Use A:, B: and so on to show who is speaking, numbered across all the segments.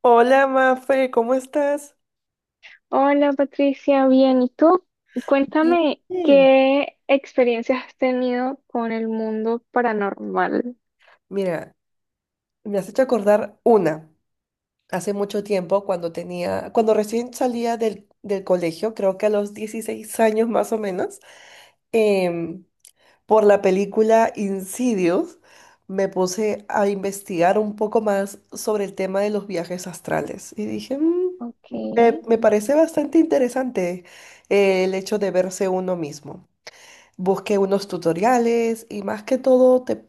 A: Hola, Mafe, ¿cómo estás?
B: Hola Patricia, bien, ¿y tú? Cuéntame
A: Bien.
B: qué experiencias has tenido con el mundo paranormal.
A: Mira, me has hecho acordar una. Hace mucho tiempo, cuando recién salía del colegio, creo que a los 16 años más o menos, em, por la película Insidious, me puse a investigar un poco más sobre el tema de los viajes astrales. Y dije,
B: Ok,
A: Me parece bastante interesante, el hecho de verse uno mismo. Busqué unos tutoriales y más que todo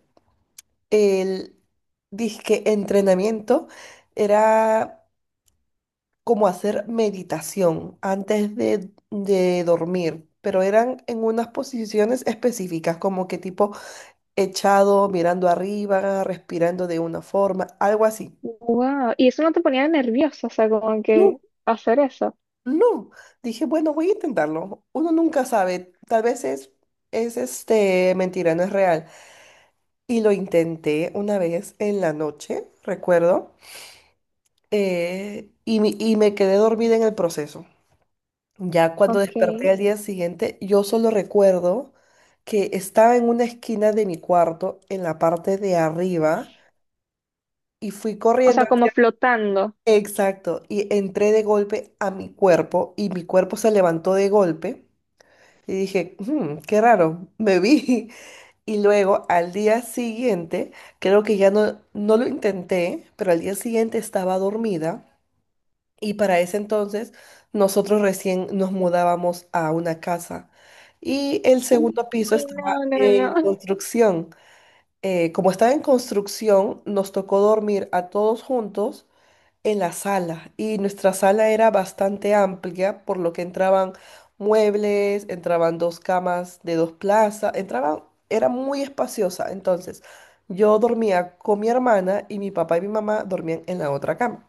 A: el disque entrenamiento era como hacer meditación antes de dormir, pero eran en unas posiciones específicas, como que tipo echado, mirando arriba, respirando de una forma, algo así.
B: wow. ¿Y eso no te ponía nerviosa? O sea, como
A: No,
B: que hacer eso.
A: no. Dije, bueno, voy a intentarlo. Uno nunca sabe, tal vez es mentira, no es real. Y lo intenté una vez en la noche, recuerdo, y me quedé dormida en el proceso. Ya cuando
B: Ok.
A: desperté al día siguiente, yo solo recuerdo que estaba en una esquina de mi cuarto, en la parte de arriba, y fui
B: O
A: corriendo,
B: sea, como flotando.
A: exacto, y entré de golpe a mi cuerpo, y mi cuerpo se levantó de golpe, y dije, qué raro, me vi. Y luego al día siguiente, creo que ya no lo intenté, pero al día siguiente estaba dormida y para ese entonces nosotros recién nos mudábamos a una casa y el segundo piso
B: Uy,
A: estaba
B: no, no,
A: en
B: no.
A: construcción. Como estaba en construcción, nos tocó dormir a todos juntos en la sala y nuestra sala era bastante amplia, por lo que entraban muebles, entraban dos camas de dos plazas, entraban, era muy espaciosa. Entonces, yo dormía con mi hermana y mi papá y mi mamá dormían en la otra cama.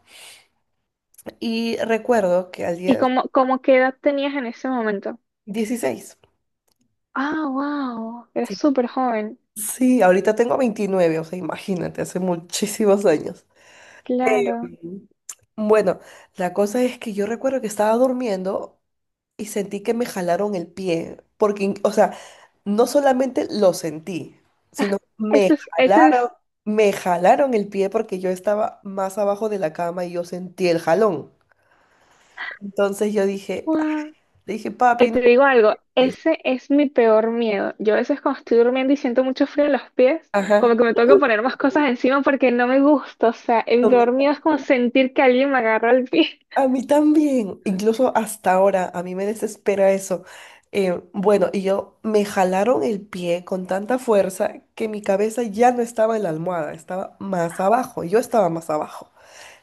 A: Y recuerdo que al
B: ¿Y
A: día.
B: cómo, qué edad tenías en ese momento?
A: 16.
B: Ah, wow. Eras
A: Sí.
B: súper joven.
A: Sí, ahorita tengo 29, o sea, imagínate, hace muchísimos años.
B: Claro.
A: Em, bueno, la cosa es que yo recuerdo que estaba durmiendo y sentí que me jalaron el pie, porque, o sea, no solamente lo sentí, sino
B: Eso es, eso es.
A: jalaron, me jalaron el pie porque yo estaba más abajo de la cama y yo sentí el jalón. Entonces yo dije, ah,
B: Wow.
A: le dije,
B: Y
A: papi, no
B: te digo algo,
A: es".
B: ese es mi peor miedo. Yo a veces cuando estoy durmiendo y siento mucho frío en los pies,
A: Ajá.
B: como que me tengo que
A: Uy,
B: poner más cosas encima porque no me gusta. O sea, el
A: a mí
B: peor miedo es como
A: también.
B: sentir que alguien me agarra el pie.
A: A mí también, incluso hasta ahora, a mí me desespera eso. Bueno, y yo me jalaron el pie con tanta fuerza que mi cabeza ya no estaba en la almohada, estaba más abajo, yo estaba más abajo.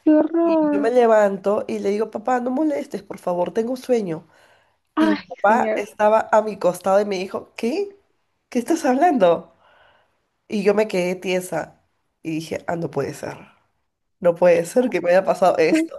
B: ¡Qué
A: Y yo me
B: horror!
A: levanto y le digo, papá, no molestes, por favor, tengo sueño. Y mi
B: Ay,
A: papá
B: señor.
A: estaba a mi costado y me dijo, ¿qué? ¿Qué estás hablando? Y yo me quedé tiesa y dije, ah, no puede ser. No puede ser que me haya pasado esto.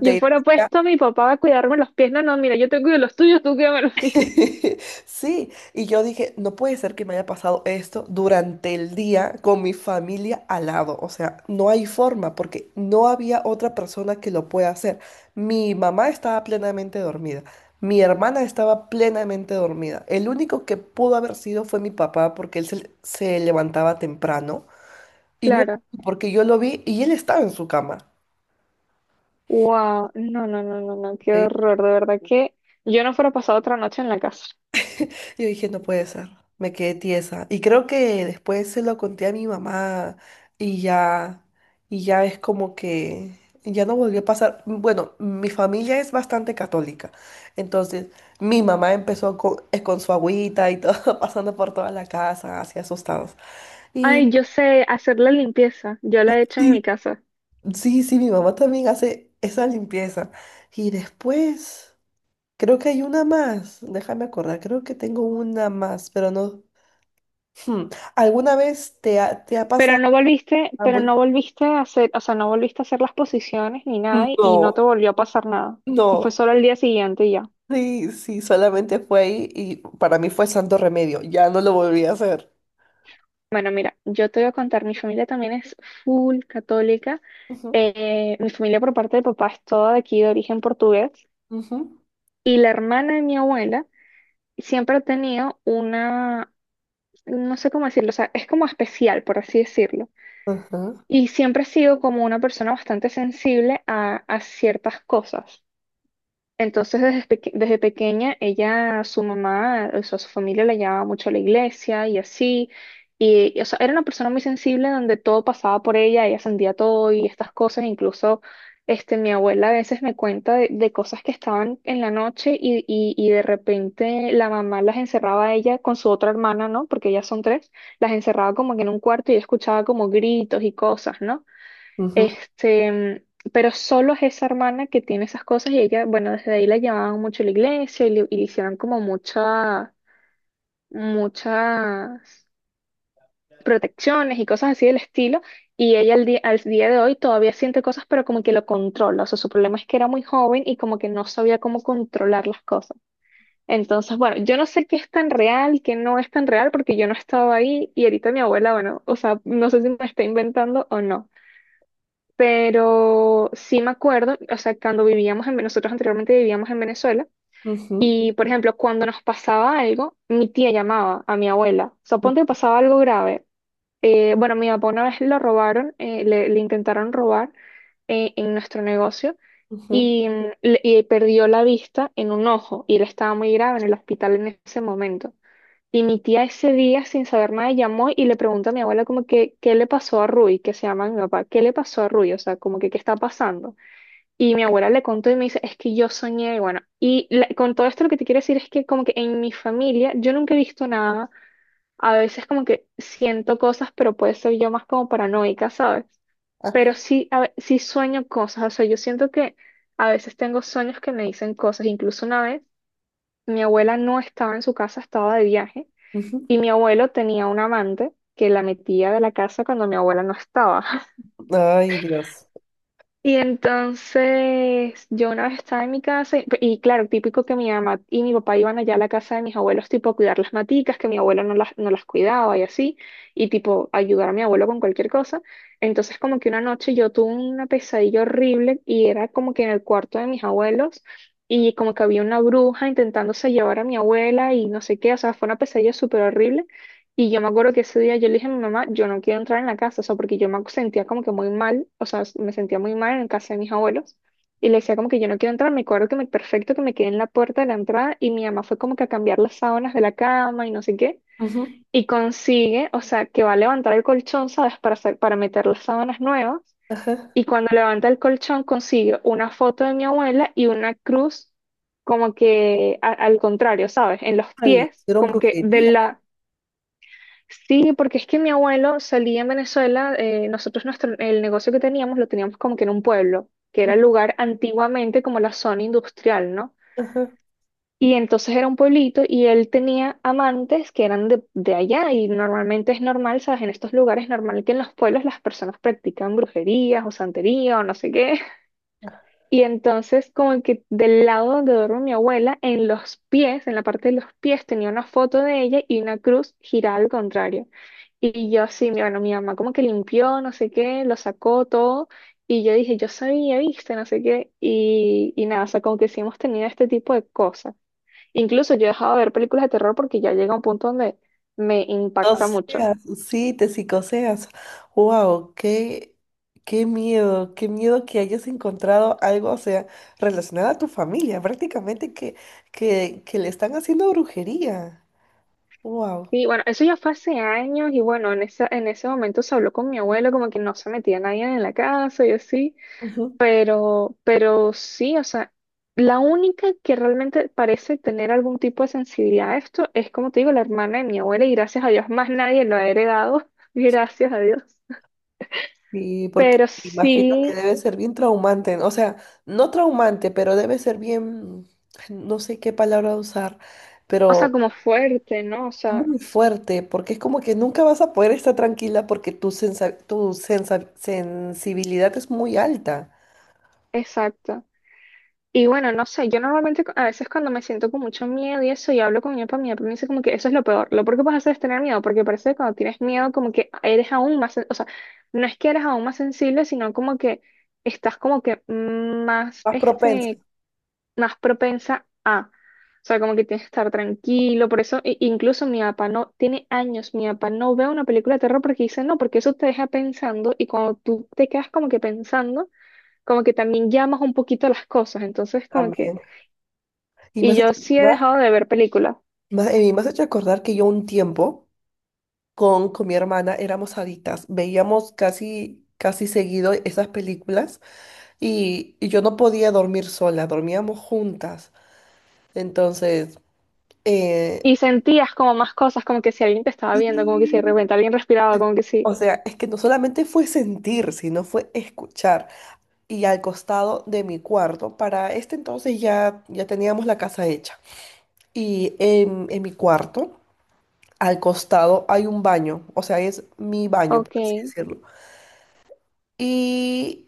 B: Yo fuera puesto, mi papá va a cuidarme los pies. No, no, mira, yo te cuido los tuyos, tú cuídame los míos.
A: Sí, y yo dije, no puede ser que me haya pasado esto durante el día con mi familia al lado. O sea, no hay forma porque no había otra persona que lo pueda hacer. Mi mamá estaba plenamente dormida, mi hermana estaba plenamente dormida. El único que pudo haber sido fue mi papá porque él se levantaba temprano y no era
B: Claro.
A: porque yo lo vi y él estaba en su cama.
B: Wow. No, no, no, no, no. Qué horror. De verdad que yo no fuera pasado otra noche en la casa.
A: Yo dije, no puede ser. Me quedé tiesa. Y creo que después se lo conté a mi mamá y ya, y ya es como que ya no volvió a pasar. Bueno, mi familia es bastante católica. Entonces, mi mamá empezó con su agüita y todo, pasando por toda la casa, así asustados. Y.
B: Ay, yo sé hacer la limpieza. Yo la he hecho en
A: Sí.
B: mi casa.
A: Sí, sí, mi mamá también hace esa limpieza. Y después, creo que hay una más. Déjame acordar, creo que tengo una más, pero no. Hmm, ¿Alguna vez te ha pasado
B: Pero
A: Istanbul?
B: no volviste a hacer, o sea, no volviste a hacer las posiciones ni nada y no te
A: No,
B: volvió a pasar nada. O sea, fue
A: no.
B: solo el día siguiente y ya.
A: Sí, sí, solamente fue ahí y para mí fue santo remedio. Ya no lo volví a hacer.
B: Bueno, mira, yo te voy a contar, mi familia también es full católica.
A: Ujú.
B: Mi familia por parte de papá es toda de aquí de origen portugués
A: Ujú.
B: y la hermana de mi abuela siempre ha tenido una, no sé cómo decirlo, o sea, es como especial, por así decirlo.
A: Ajá.
B: Y siempre ha sido como una persona bastante sensible a ciertas cosas. Entonces, desde, desde pequeña, ella, su mamá, o sea, su familia la llevaba mucho a la iglesia y así. O sea, era una persona muy sensible donde todo pasaba por ella, ella sentía todo y estas cosas. Incluso, este, mi abuela a veces me cuenta de cosas que estaban en la noche y de repente la mamá las encerraba a ella con su otra hermana, ¿no? Porque ellas son tres, las encerraba como que en un cuarto y ella escuchaba como gritos y cosas, ¿no?
A: Ujú.
B: Este, pero solo es esa hermana que tiene esas cosas y ella, bueno, desde ahí la llevaban mucho a la iglesia y le hicieron como mucha, muchas protecciones y cosas así del estilo. Y ella al día de hoy todavía siente cosas, pero como que lo controla. O sea, su problema es que era muy joven y como que no sabía cómo controlar las cosas. Entonces, bueno, yo no sé qué es tan real, qué no es tan real, porque yo no estaba ahí y ahorita mi abuela, bueno, o sea, no sé si me está inventando o no. Pero sí me acuerdo, o sea, cuando vivíamos en, nosotros anteriormente vivíamos en Venezuela,
A: Ujú.
B: y por ejemplo, cuando nos pasaba algo, mi tía llamaba a mi abuela. O sea, ponte que pasaba algo grave. Bueno, mi papá una vez lo robaron, le intentaron robar en nuestro negocio
A: Ujú.
B: y, mm, y perdió la vista en un ojo y él estaba muy grave en el hospital en ese momento. Y mi tía ese día, sin saber nada, llamó y le preguntó a mi abuela como que, ¿qué le pasó a Rui? Que se llama mi papá, ¿qué le pasó a Rui? O sea, como que, ¿qué está pasando? Y mi abuela le contó y me dice, es que yo soñé, y bueno, con todo esto lo que te quiero decir es que como que en mi familia yo nunca he visto nada, a veces como que siento cosas, pero puede ser yo más como paranoica, ¿sabes?
A: Ajá.
B: Pero sí, sí sueño cosas, o sea, yo siento que a veces tengo sueños que me dicen cosas, incluso una vez mi abuela no estaba en su casa, estaba de viaje.
A: Ujú.
B: Y mi abuelo tenía un amante que la metía de la casa cuando mi abuela no estaba.
A: Ay, Dios.
B: Y entonces yo una vez estaba en mi casa y claro, típico que mi mamá y mi papá iban allá a la casa de mis abuelos tipo a cuidar las maticas, que mi abuelo no las cuidaba y así, y tipo ayudar a mi abuelo con cualquier cosa. Entonces como que una noche yo tuve una pesadilla horrible y era como que en el cuarto de mis abuelos y como que había una bruja intentándose llevar a mi abuela y no sé qué, o sea, fue una pesadilla súper horrible. Y yo me acuerdo que ese día yo le dije a mi mamá, yo no quiero entrar en la casa, o sea, porque yo me sentía como que muy mal, o sea, me sentía muy mal en casa de mis abuelos. Y le decía como que yo no quiero entrar, me acuerdo que me perfecto que me quedé en la puerta de la entrada y mi mamá fue como que a cambiar las sábanas de la cama y no sé qué.
A: Ujú.
B: Y consigue, o sea, que va a levantar el colchón, ¿sabes? Para hacer, para meter las sábanas nuevas.
A: Ajá.
B: Y cuando levanta el colchón consigue una foto de mi abuela y una cruz como que al contrario, ¿sabes? En los
A: Ah, le
B: pies,
A: hicieron
B: como que de
A: brujería.
B: la. Sí, porque es que mi abuelo salía en Venezuela, nosotros nuestro, el negocio que teníamos lo teníamos como que en un pueblo, que era
A: Ujú.
B: el lugar antiguamente como la zona industrial, ¿no?
A: Ajá.
B: Y entonces era un pueblito y él tenía amantes que eran de allá y normalmente es normal, ¿sabes? En estos lugares es normal que en los pueblos las personas practican brujerías o santería o no sé qué. Y entonces como que del lado donde duerme mi abuela, en los pies, en la parte de los pies tenía una foto de ella y una cruz girada al contrario. Y yo sí, bueno, mi mamá como que limpió, no sé qué, lo sacó todo. Y yo dije, yo sabía, viste, no sé qué. Y nada, o sea, como que sí hemos tenido este tipo de cosas. Incluso yo he dejado de ver películas de terror porque ya llega un punto donde me impacta mucho.
A: Psicoseas, sí, te psicoseas. Wow, qué miedo, qué miedo que hayas encontrado algo, o sea, relacionado a tu familia, prácticamente que le están haciendo brujería. Wow.
B: Y bueno, eso ya fue hace años y bueno, en esa, en ese momento se habló con mi abuelo como que no se metía nadie en la casa y así. Pero sí, o sea, la única que realmente parece tener algún tipo de sensibilidad a esto es, como te digo, la hermana de mi abuela y gracias a Dios más nadie lo ha heredado, gracias a Dios.
A: Y porque
B: Pero
A: imagino que
B: sí,
A: debe ser bien traumante, ¿no? O sea, no traumante, pero debe ser bien, no sé qué palabra usar,
B: o sea,
A: pero.
B: como fuerte, ¿no? O sea,
A: Muy fuerte, porque es como que nunca vas a poder estar tranquila porque sensibilidad es muy alta,
B: exacto. Y bueno, no sé, yo normalmente a veces cuando me siento con mucho miedo y eso y hablo con mi papá me dice como que eso es lo peor que puedes hacer es tener miedo, porque parece que cuando tienes miedo como que eres aún más, o sea, no es que eres aún más sensible, sino como que estás como que más,
A: más propensa
B: este, más propensa a, o sea, como que tienes que estar tranquilo, por eso, incluso mi papá no, tiene años, mi papá no ve una película de terror porque dice no, porque eso te deja pensando y cuando tú te quedas como que pensando, como que también llamas un poquito a las cosas, entonces como que...
A: también. Y me
B: Y
A: has
B: yo
A: hecho
B: sí he
A: acordar,
B: dejado de ver películas.
A: me has hecho acordar que yo un tiempo con mi hermana éramos adictas, veíamos casi, casi seguido esas películas y yo no podía dormir sola, dormíamos juntas. Entonces, eh,
B: Y sentías como más cosas, como que si alguien te estaba viendo, como que si de
A: y-
B: repente alguien respiraba, como que sí.
A: o sea, es que no solamente fue sentir, sino fue escuchar. Y al costado de mi cuarto. Para este entonces ya, ya teníamos la casa hecha. Y en mi cuarto, al costado, hay un baño. O sea, es mi baño, por
B: Ok.
A: así decirlo. Y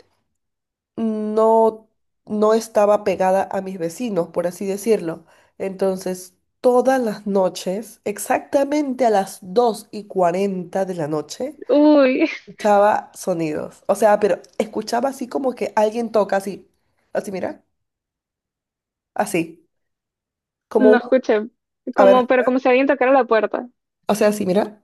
A: no, no estaba pegada a mis vecinos, por así decirlo. Entonces, todas las noches, exactamente a las 2:40 de la noche,
B: Uy,
A: escuchaba sonidos. O sea, pero escuchaba así como que alguien toca así. Así, mira. Así como
B: no
A: un.
B: escuché.
A: A ver,
B: Como, pero como si alguien tocara la puerta.
A: o sea, sí, mira,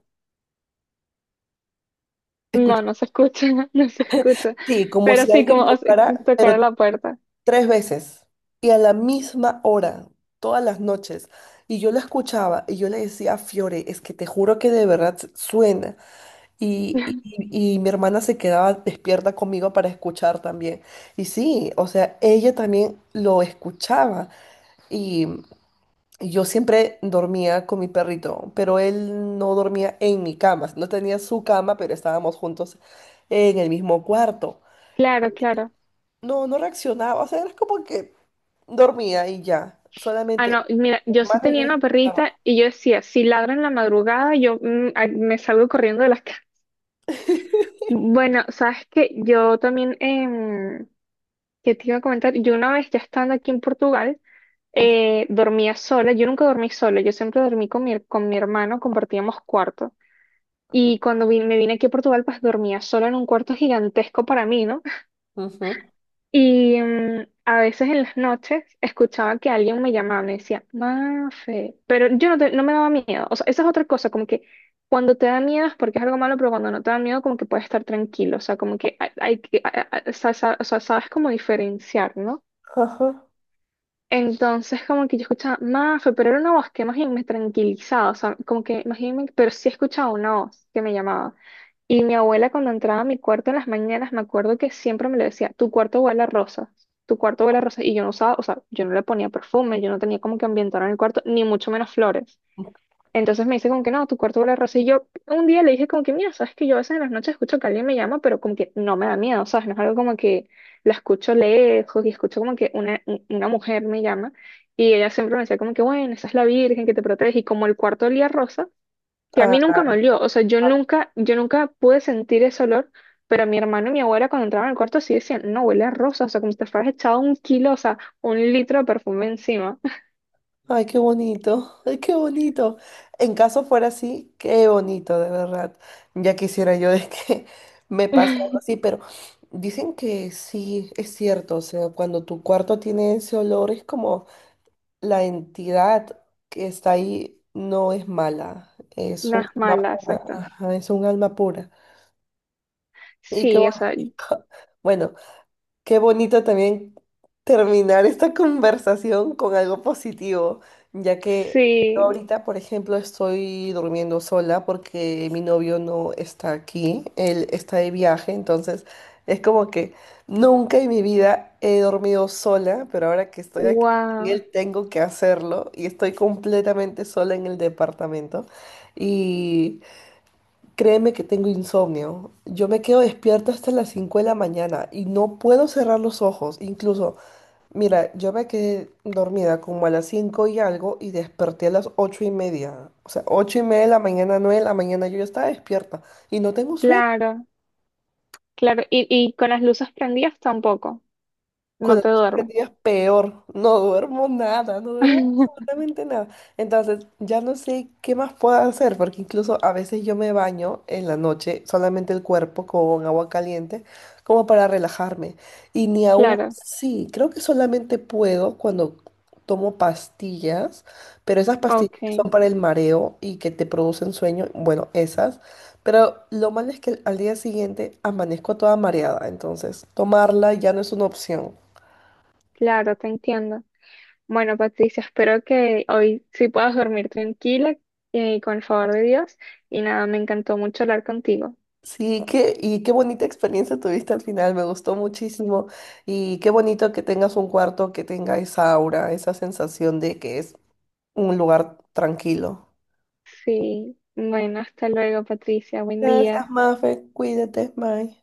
A: escucha.
B: No, no se escucha, no se escucha.
A: Sí, como
B: Pero
A: si
B: sí, como
A: alguien
B: o sea,
A: tocara, pero
B: tocara la puerta.
A: tres veces y a la misma hora, todas las noches. Y yo la escuchaba y yo le decía, Fiore, es que te juro que de verdad suena. Y, y- y mi hermana se quedaba despierta conmigo para escuchar también. Y sí, o sea, ella también lo escuchaba. Y yo siempre dormía con mi perrito, pero él no dormía en mi cama. No tenía su cama, pero estábamos juntos en el mismo cuarto.
B: Claro, claro.
A: No, no reaccionaba. O sea, era como que dormía y ya.
B: Ah,
A: Solamente
B: no, mira,
A: mi
B: yo sí
A: hermana y yo
B: tenía una perrita
A: escuchábamos.
B: y yo decía, si ladra en la madrugada, yo mm, ay, me salgo corriendo de la casa. Bueno, sabes que yo también, ¿qué te iba a comentar? Yo una vez ya estando aquí en Portugal,
A: Ujú.
B: dormía sola. Yo nunca dormí sola, yo siempre dormí con mi hermano, compartíamos cuarto. Y cuando me vine aquí a Portugal, pues dormía sola en un cuarto gigantesco para mí, ¿no?
A: Ujú.
B: Y mm, a veces en las noches escuchaba que alguien me llamaba, me decía, Mafe, pero yo no, no me daba miedo. O sea, esa es otra cosa, como que cuando te da miedo es porque es algo malo, pero cuando no te da miedo, como que puedes estar tranquilo. O sea, como que hay que, o sea, sabes cómo diferenciar, ¿no?
A: Ajá.
B: Entonces, como que yo escuchaba Mafe, pero era una voz que más bien me tranquilizaba, o sea, como que más bien pero sí escuchaba una voz que me llamaba. Y mi abuela cuando entraba a mi cuarto en las mañanas, me acuerdo que siempre me lo decía, tu cuarto huele a rosas, tu cuarto huele a rosas, y yo no usaba, o sea, yo no le ponía perfume, yo no tenía como que ambientar en el cuarto, ni mucho menos flores. Entonces me dice como que no, tu cuarto huele a rosa. Y yo un día le dije como que, mira, sabes que yo a veces en las noches escucho que alguien me llama, pero como que no me da miedo, ¿sabes? No es algo como que la escucho lejos y escucho como que una, una mujer me llama. Y ella siempre me decía como que, bueno, esa es la Virgen que te protege. Y como el cuarto olía a rosa, que a mí nunca me olió.
A: Ah.
B: O sea, yo nunca pude sentir ese olor, pero mi hermano y mi abuela cuando entraban al cuarto sí decían, no, huele a rosa. O sea, como si te fueras echado un kilo, o sea, un litro de perfume encima.
A: Ay, qué bonito, ay, qué bonito. En caso fuera así, qué bonito, de verdad. Ya quisiera yo de que me pase algo así, pero dicen que sí, es cierto. O sea, cuando tu cuarto tiene ese olor, es como la entidad que está ahí no es mala, es
B: No
A: un alma
B: malas,
A: pura.
B: exacto.
A: Ajá, es un alma pura. Y qué
B: Sí, o sea,
A: bonito. Bueno, qué bonito también terminar esta conversación con algo positivo, ya que yo
B: sí,
A: ahorita, por ejemplo, estoy durmiendo sola porque mi novio no está aquí, él está de viaje, entonces es como que nunca en mi vida he dormido sola, pero ahora que estoy aquí con
B: wow,
A: él tengo que hacerlo y estoy completamente sola en el departamento. Y créeme que tengo insomnio. Yo me quedo despierta hasta las 5 de la mañana y no puedo cerrar los ojos. Incluso, mira, yo me quedé dormida como a las 5 y algo y desperté a las 8:30. O sea, 8:30 de la mañana, 9 de la mañana, yo ya estaba despierta y no tengo sueño.
B: claro, claro. Y con las luces prendidas tampoco, no
A: Cuando
B: te
A: estoy perdida es
B: duermes.
A: peor, no duermo nada, no duermo absolutamente nada. Entonces, ya no sé qué más puedo hacer, porque incluso a veces yo me baño en la noche, solamente el cuerpo con agua caliente, como para relajarme. Y ni aún
B: Claro,
A: así, creo que solamente puedo cuando tomo pastillas, pero esas pastillas que
B: ok,
A: son para el mareo y que te producen sueño, bueno, esas. Pero lo malo es que al día siguiente amanezco toda mareada, entonces tomarla ya no es una opción.
B: claro, te entiendo. Bueno, Patricia, espero que hoy sí puedas dormir tranquila, con el favor de Dios. Y nada, me encantó mucho hablar contigo.
A: Sí, qué, y qué bonita experiencia tuviste al final, me gustó muchísimo y qué bonito que tengas un cuarto que tenga esa aura, esa sensación de que es un lugar tranquilo.
B: Sí, bueno, hasta luego, Patricia, buen día.
A: Gracias, Mafe, cuídate, bye.